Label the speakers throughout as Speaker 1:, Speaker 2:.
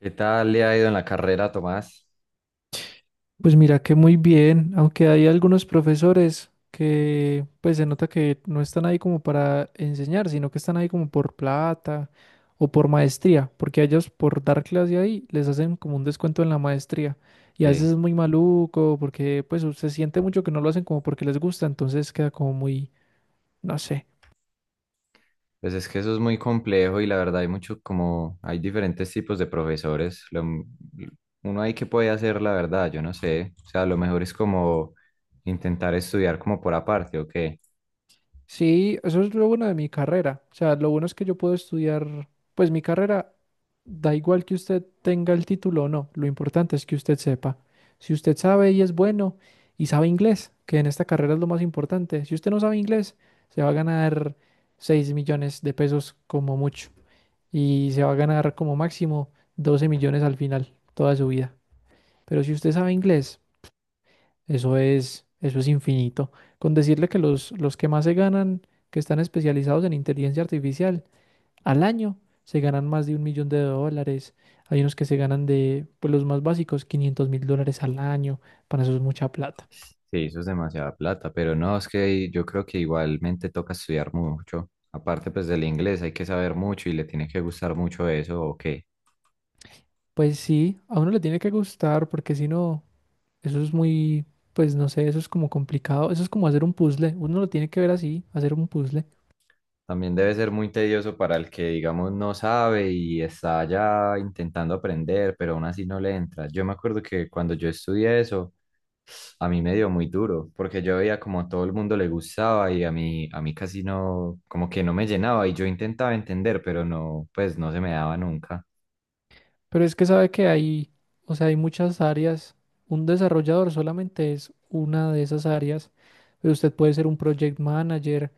Speaker 1: ¿Qué tal le ha ido en la carrera, Tomás?
Speaker 2: Pues mira que muy bien, aunque hay algunos profesores que pues se nota que no están ahí como para enseñar, sino que están ahí como por plata o por maestría, porque a ellos por dar clase ahí les hacen como un descuento en la maestría y a veces
Speaker 1: Sí,
Speaker 2: es muy maluco porque pues se siente mucho que no lo hacen como porque les gusta, entonces queda como muy, no sé.
Speaker 1: pues es que eso es muy complejo y la verdad hay mucho como, hay diferentes tipos de profesores. Uno ahí que puede hacer, la verdad, yo no sé. O sea, lo mejor es como intentar estudiar como por aparte, ¿o qué?
Speaker 2: Sí, eso es lo bueno de mi carrera. O sea, lo bueno es que yo puedo estudiar, pues mi carrera da igual que usted tenga el título o no, lo importante es que usted sepa. Si usted sabe y es bueno y sabe inglés, que en esta carrera es lo más importante, si usted no sabe inglés, se va a ganar 6 millones de pesos como mucho y se va a ganar como máximo 12 millones al final, toda su vida. Pero si usted sabe inglés, eso es infinito. Con decirle que los que más se ganan, que están especializados en inteligencia artificial, al año se ganan más de 1 millón de dólares. Hay unos que se ganan de, pues los más básicos, 500 mil dólares al año. Para eso es mucha plata.
Speaker 1: Sí, eso es demasiada plata, pero no, es que yo creo que igualmente toca estudiar mucho. Aparte pues del inglés hay que saber mucho y le tiene que gustar mucho eso, ¿o qué?
Speaker 2: Pues sí, a uno le tiene que gustar porque si no, eso es muy, pues no sé, eso es como complicado. Eso es como hacer un puzzle. Uno lo tiene que ver así, hacer un puzzle.
Speaker 1: También debe ser muy tedioso para el que, digamos, no sabe y está ya intentando aprender, pero aún así no le entra. Yo me acuerdo que cuando yo estudié eso, a mí me dio muy duro, porque yo veía como a todo el mundo le gustaba y a mí casi no, como que no me llenaba y yo intentaba entender, pero no, pues no se me daba nunca.
Speaker 2: Pero es que sabe que hay, o sea, hay muchas áreas. Un desarrollador solamente es una de esas áreas, pero usted puede ser un project manager,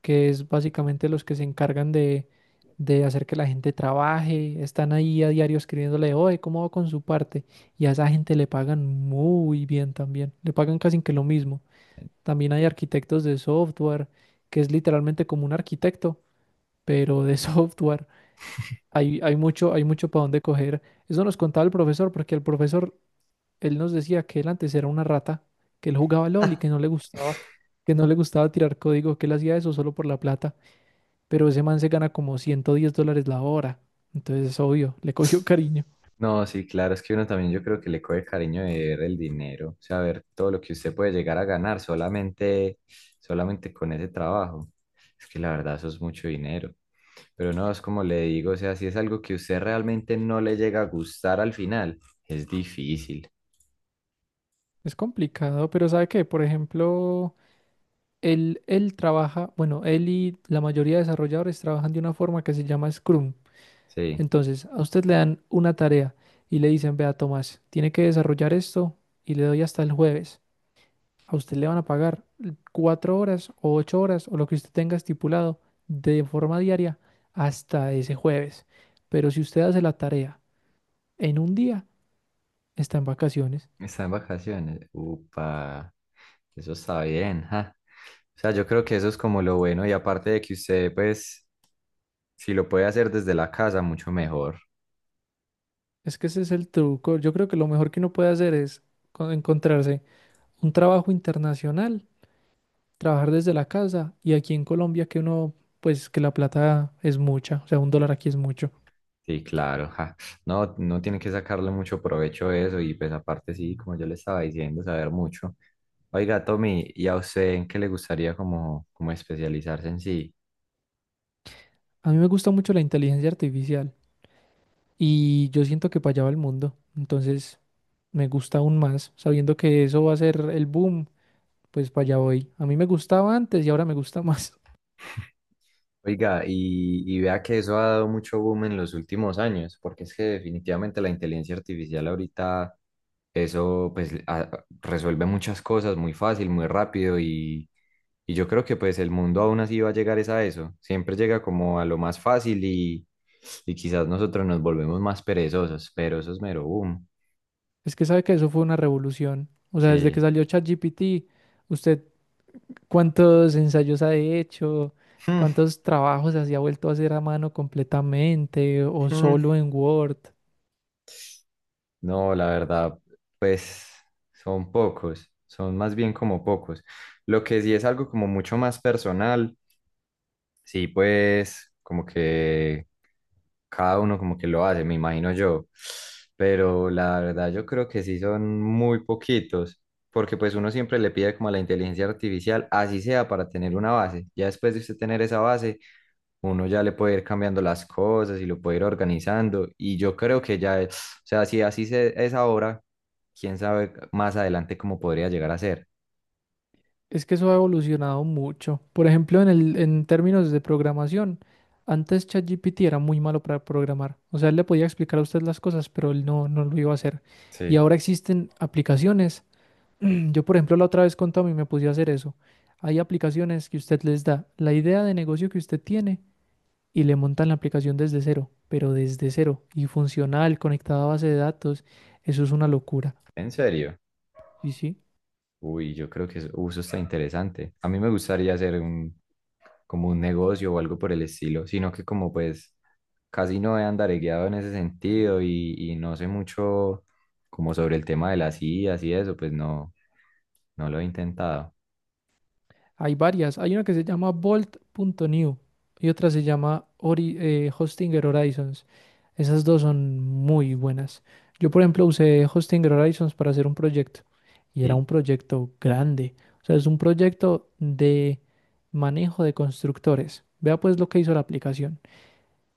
Speaker 2: que es básicamente los que se encargan de hacer que la gente trabaje, están ahí a diario escribiéndole, oye, ¿cómo va con su parte? Y a esa gente le pagan muy bien también, le pagan casi que lo mismo. También hay arquitectos de software, que es literalmente como un arquitecto, pero de software. Hay, hay mucho para dónde coger. Eso nos contaba el profesor, porque el profesor, él nos decía que él antes era una rata, que él jugaba LOL y que no le gustaba, que no le gustaba tirar código, que él hacía eso solo por la plata. Pero ese man se gana como 110 dólares la hora. Entonces es obvio, le cogió cariño.
Speaker 1: No, sí, claro, es que uno también yo creo que le coge cariño de ver el dinero, o sea, ver todo lo que usted puede llegar a ganar solamente con ese trabajo. Es que la verdad eso es mucho dinero. Pero no, es como le digo, o sea, si es algo que usted realmente no le llega a gustar al final, es difícil.
Speaker 2: Es complicado, pero ¿sabe qué? Por ejemplo, él trabaja, bueno, él y la mayoría de desarrolladores trabajan de una forma que se llama Scrum.
Speaker 1: Sí,
Speaker 2: Entonces, a usted le dan una tarea y le dicen, vea, Tomás, tiene que desarrollar esto y le doy hasta el jueves. A usted le van a pagar 4 horas o 8 horas o lo que usted tenga estipulado de forma diaria hasta ese jueves. Pero si usted hace la tarea en un día, está en vacaciones.
Speaker 1: está en vacaciones. Upa, eso está bien, ja. O sea, yo creo que eso es como lo bueno y aparte de que usted, pues, si lo puede hacer desde la casa, mucho mejor.
Speaker 2: Es que ese es el truco. Yo creo que lo mejor que uno puede hacer es encontrarse un trabajo internacional, trabajar desde la casa y aquí en Colombia que uno, pues que la plata es mucha, o sea, un dólar aquí es mucho.
Speaker 1: Sí, claro. Ja. No, no tiene que sacarle mucho provecho a eso y pues aparte sí, como yo le estaba diciendo, saber mucho. Oiga, Tommy, ¿y a usted en qué le gustaría como, como especializarse en sí?
Speaker 2: A mí me gusta mucho la inteligencia artificial y yo siento que para allá va el mundo. Entonces me gusta aún más, sabiendo que eso va a ser el boom, pues para allá voy. A mí me gustaba antes y ahora me gusta más.
Speaker 1: Oiga, y vea que eso ha dado mucho boom en los últimos años, porque es que definitivamente la inteligencia artificial ahorita, eso pues a- resuelve muchas cosas muy fácil, muy rápido y yo creo que pues el mundo aún así va a llegar es a eso, siempre llega como a lo más fácil y quizás nosotros nos volvemos más perezosos, pero eso es mero boom,
Speaker 2: Es que sabe que eso fue una revolución. O sea, desde que
Speaker 1: sí.
Speaker 2: salió ChatGPT, usted cuántos ensayos ha hecho, cuántos trabajos así ha vuelto a hacer a mano completamente o solo en Word.
Speaker 1: No, la verdad, pues son pocos, son más bien como pocos. Lo que sí es algo como mucho más personal, sí, pues como que cada uno como que lo hace, me imagino yo. Pero la verdad yo creo que sí son muy poquitos, porque pues uno siempre le pide como a la inteligencia artificial, así sea para tener una base. Ya después de usted tener esa base, uno ya le puede ir cambiando las cosas y lo puede ir organizando. Y yo creo que ya, o sea, si así se, es ahora, quién sabe más adelante cómo podría llegar a ser.
Speaker 2: Es que eso ha evolucionado mucho. Por ejemplo, en el, en términos de programación, antes ChatGPT era muy malo para programar. O sea, él le podía explicar a usted las cosas, pero él no lo iba a hacer. Y
Speaker 1: Sí.
Speaker 2: ahora existen aplicaciones. Yo, por ejemplo, la otra vez con Tommy me puse a hacer eso. Hay aplicaciones que usted les da la idea de negocio que usted tiene y le montan la aplicación desde cero, pero desde cero y funcional, conectada a base de datos. Eso es una locura.
Speaker 1: ¿En serio?
Speaker 2: Sí, sí.
Speaker 1: Uy, yo creo que eso uso está interesante. A mí me gustaría hacer un, como un negocio o algo por el estilo, sino que como pues casi no he andaregueado en ese sentido y no sé mucho como sobre el tema de las IAs y eso, pues no, no lo he intentado.
Speaker 2: Hay varias. Hay una que se llama Bolt punto new y otra se llama Hostinger Horizons. Esas dos son muy buenas. Yo, por ejemplo, usé Hostinger Horizons para hacer un proyecto y era
Speaker 1: Sí.
Speaker 2: un proyecto grande. O sea, es un proyecto de manejo de constructores. Vea pues lo que hizo la aplicación.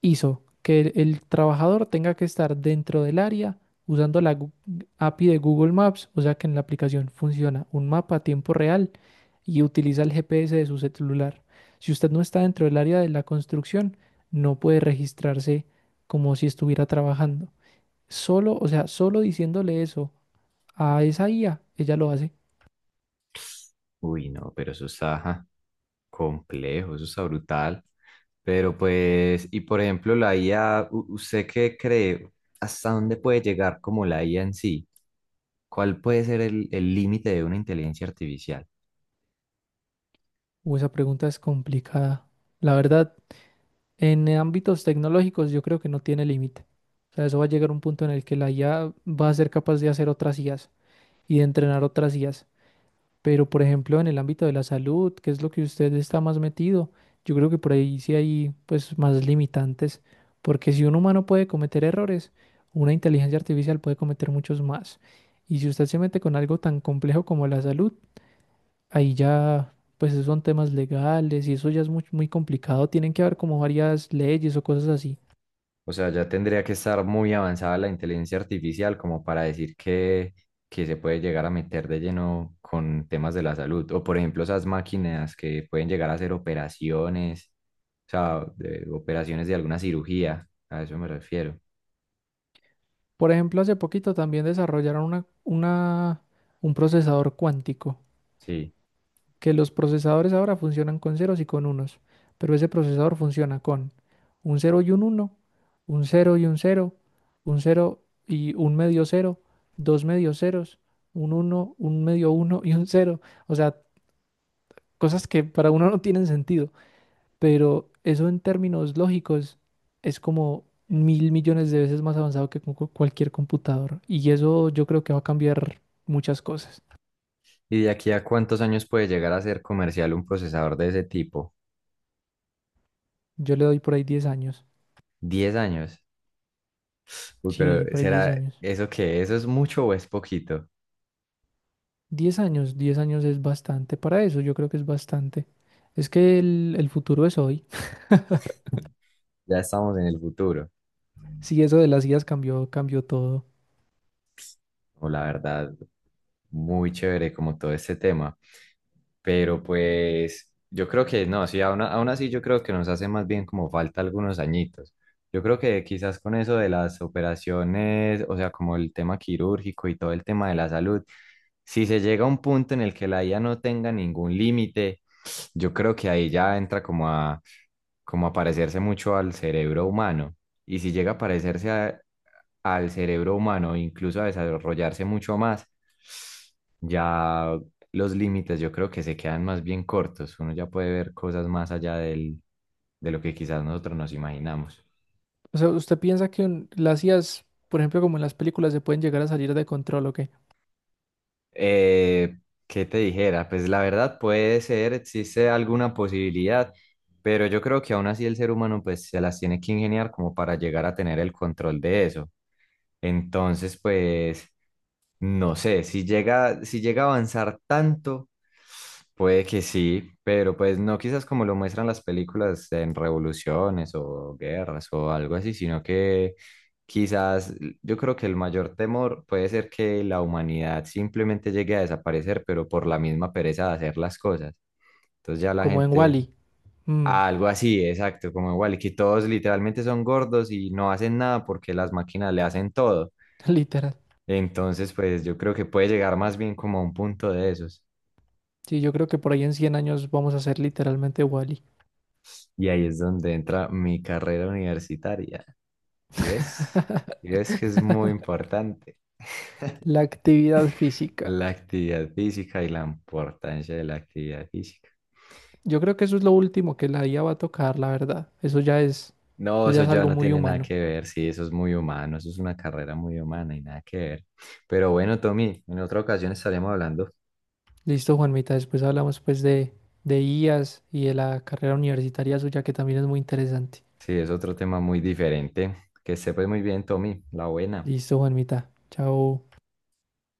Speaker 2: Hizo que el trabajador tenga que estar dentro del área usando la Gu- API de Google Maps, o sea que en la aplicación funciona un mapa a tiempo real y utiliza el GPS de su celular. Si usted no está dentro del área de la construcción, no puede registrarse como si estuviera trabajando. Solo, o sea, solo diciéndole eso a esa IA, ella lo hace.
Speaker 1: Uy, no, pero eso está... Ja. Complejo, eso está brutal. Pero pues, y por ejemplo, la IA, ¿usted qué cree? ¿Hasta dónde puede llegar como la IA en sí? ¿Cuál puede ser el límite de una inteligencia artificial?
Speaker 2: O esa pregunta es complicada. La verdad, en ámbitos tecnológicos yo creo que no tiene límite. O sea, eso va a llegar a un punto en el que la IA va a ser capaz de hacer otras IAs y de entrenar otras IAs. Pero, por ejemplo, en el ámbito de la salud, qué es lo que usted está más metido, yo creo que por ahí sí hay pues más limitantes, porque si un humano puede cometer errores, una inteligencia artificial puede cometer muchos más. Y si usted se mete con algo tan complejo como la salud, ahí ya pues esos son temas legales y eso ya es muy, muy complicado, tienen que haber como varias leyes o cosas así.
Speaker 1: O sea, ya tendría que estar muy avanzada la inteligencia artificial como para decir que se puede llegar a meter de lleno con temas de la salud. O por ejemplo, esas máquinas que pueden llegar a hacer operaciones, o sea, operaciones de alguna cirugía, a eso me refiero.
Speaker 2: Por ejemplo, hace poquito también desarrollaron un procesador cuántico
Speaker 1: Sí.
Speaker 2: que los procesadores ahora funcionan con ceros y con unos, pero ese procesador funciona con un cero y un uno, un cero y un cero y un medio cero, dos medios ceros, un uno, un medio uno y un cero. O sea, cosas que para uno no tienen sentido, pero eso en términos lógicos es como mil millones de veces más avanzado que con cualquier computador. Y eso yo creo que va a cambiar muchas cosas.
Speaker 1: ¿Y de aquí a cuántos años puede llegar a ser comercial un procesador de ese tipo?
Speaker 2: Yo le doy por ahí 10 años.
Speaker 1: ¿10 años? Uy, pero
Speaker 2: Sí, por ahí 10
Speaker 1: ¿será
Speaker 2: años.
Speaker 1: eso qué? ¿Eso es mucho o es poquito?
Speaker 2: 10 años, 10 años es bastante para eso, yo creo que es bastante. Es que el futuro es hoy.
Speaker 1: Ya estamos en el futuro.
Speaker 2: Si eso de las IAs cambió, cambió todo.
Speaker 1: No, la verdad, muy chévere como todo este tema. Pero pues yo creo que no, sí, aún así yo creo que nos hace más bien como falta algunos añitos. Yo creo que quizás con eso de las operaciones, o sea, como el tema quirúrgico y todo el tema de la salud, si se llega a un punto en el que la IA no tenga ningún límite, yo creo que ahí ya entra como a, como a parecerse mucho al cerebro humano. Y si llega a parecerse al cerebro humano, incluso a desarrollarse mucho más, ya los límites yo creo que se quedan más bien cortos. Uno ya puede ver cosas más allá del, de lo que quizás nosotros nos imaginamos.
Speaker 2: O sea, ¿usted piensa que las IAs, por ejemplo, como en las películas, se pueden llegar a salir de control o qué?
Speaker 1: Eh, ¿Qué te dijera? Pues la verdad puede ser, existe alguna posibilidad, pero yo creo que aún así el ser humano pues se las tiene que ingeniar como para llegar a tener el control de eso. Entonces, pues, no sé, si llega a avanzar tanto, puede que sí, pero pues no quizás como lo muestran las películas en revoluciones o guerras o algo así, sino que quizás yo creo que el mayor temor puede ser que la humanidad simplemente llegue a desaparecer, pero por la misma pereza de hacer las cosas. Entonces ya la
Speaker 2: Como en
Speaker 1: gente...
Speaker 2: Wall-E. Mm,
Speaker 1: Algo así, exacto, como igual, que todos literalmente son gordos y no hacen nada porque las máquinas le hacen todo.
Speaker 2: literal.
Speaker 1: Entonces, pues yo creo que puede llegar más bien como a un punto de esos.
Speaker 2: Sí, yo creo que por ahí en 100 años vamos a ser literalmente Wall-E.
Speaker 1: Y ahí es donde entra mi carrera universitaria. ¿Sí ves? ¿Sí ves que es muy importante?
Speaker 2: La actividad física.
Speaker 1: La actividad física y la importancia de la actividad física.
Speaker 2: Yo creo que eso es lo último que la IA va a tocar, la verdad.
Speaker 1: No,
Speaker 2: Eso
Speaker 1: eso
Speaker 2: ya es
Speaker 1: ya
Speaker 2: algo
Speaker 1: no
Speaker 2: muy
Speaker 1: tiene nada
Speaker 2: humano.
Speaker 1: que ver, sí, eso es muy humano, eso es una carrera muy humana y nada que ver. Pero bueno, Tommy, en otra ocasión estaremos hablando.
Speaker 2: Listo, Juanmita. Después hablamos pues de IAS y de la carrera universitaria suya que también es muy interesante.
Speaker 1: Sí, es otro tema muy diferente. Que sepas muy bien, Tommy, la buena.
Speaker 2: Listo, Juanmita. Chao.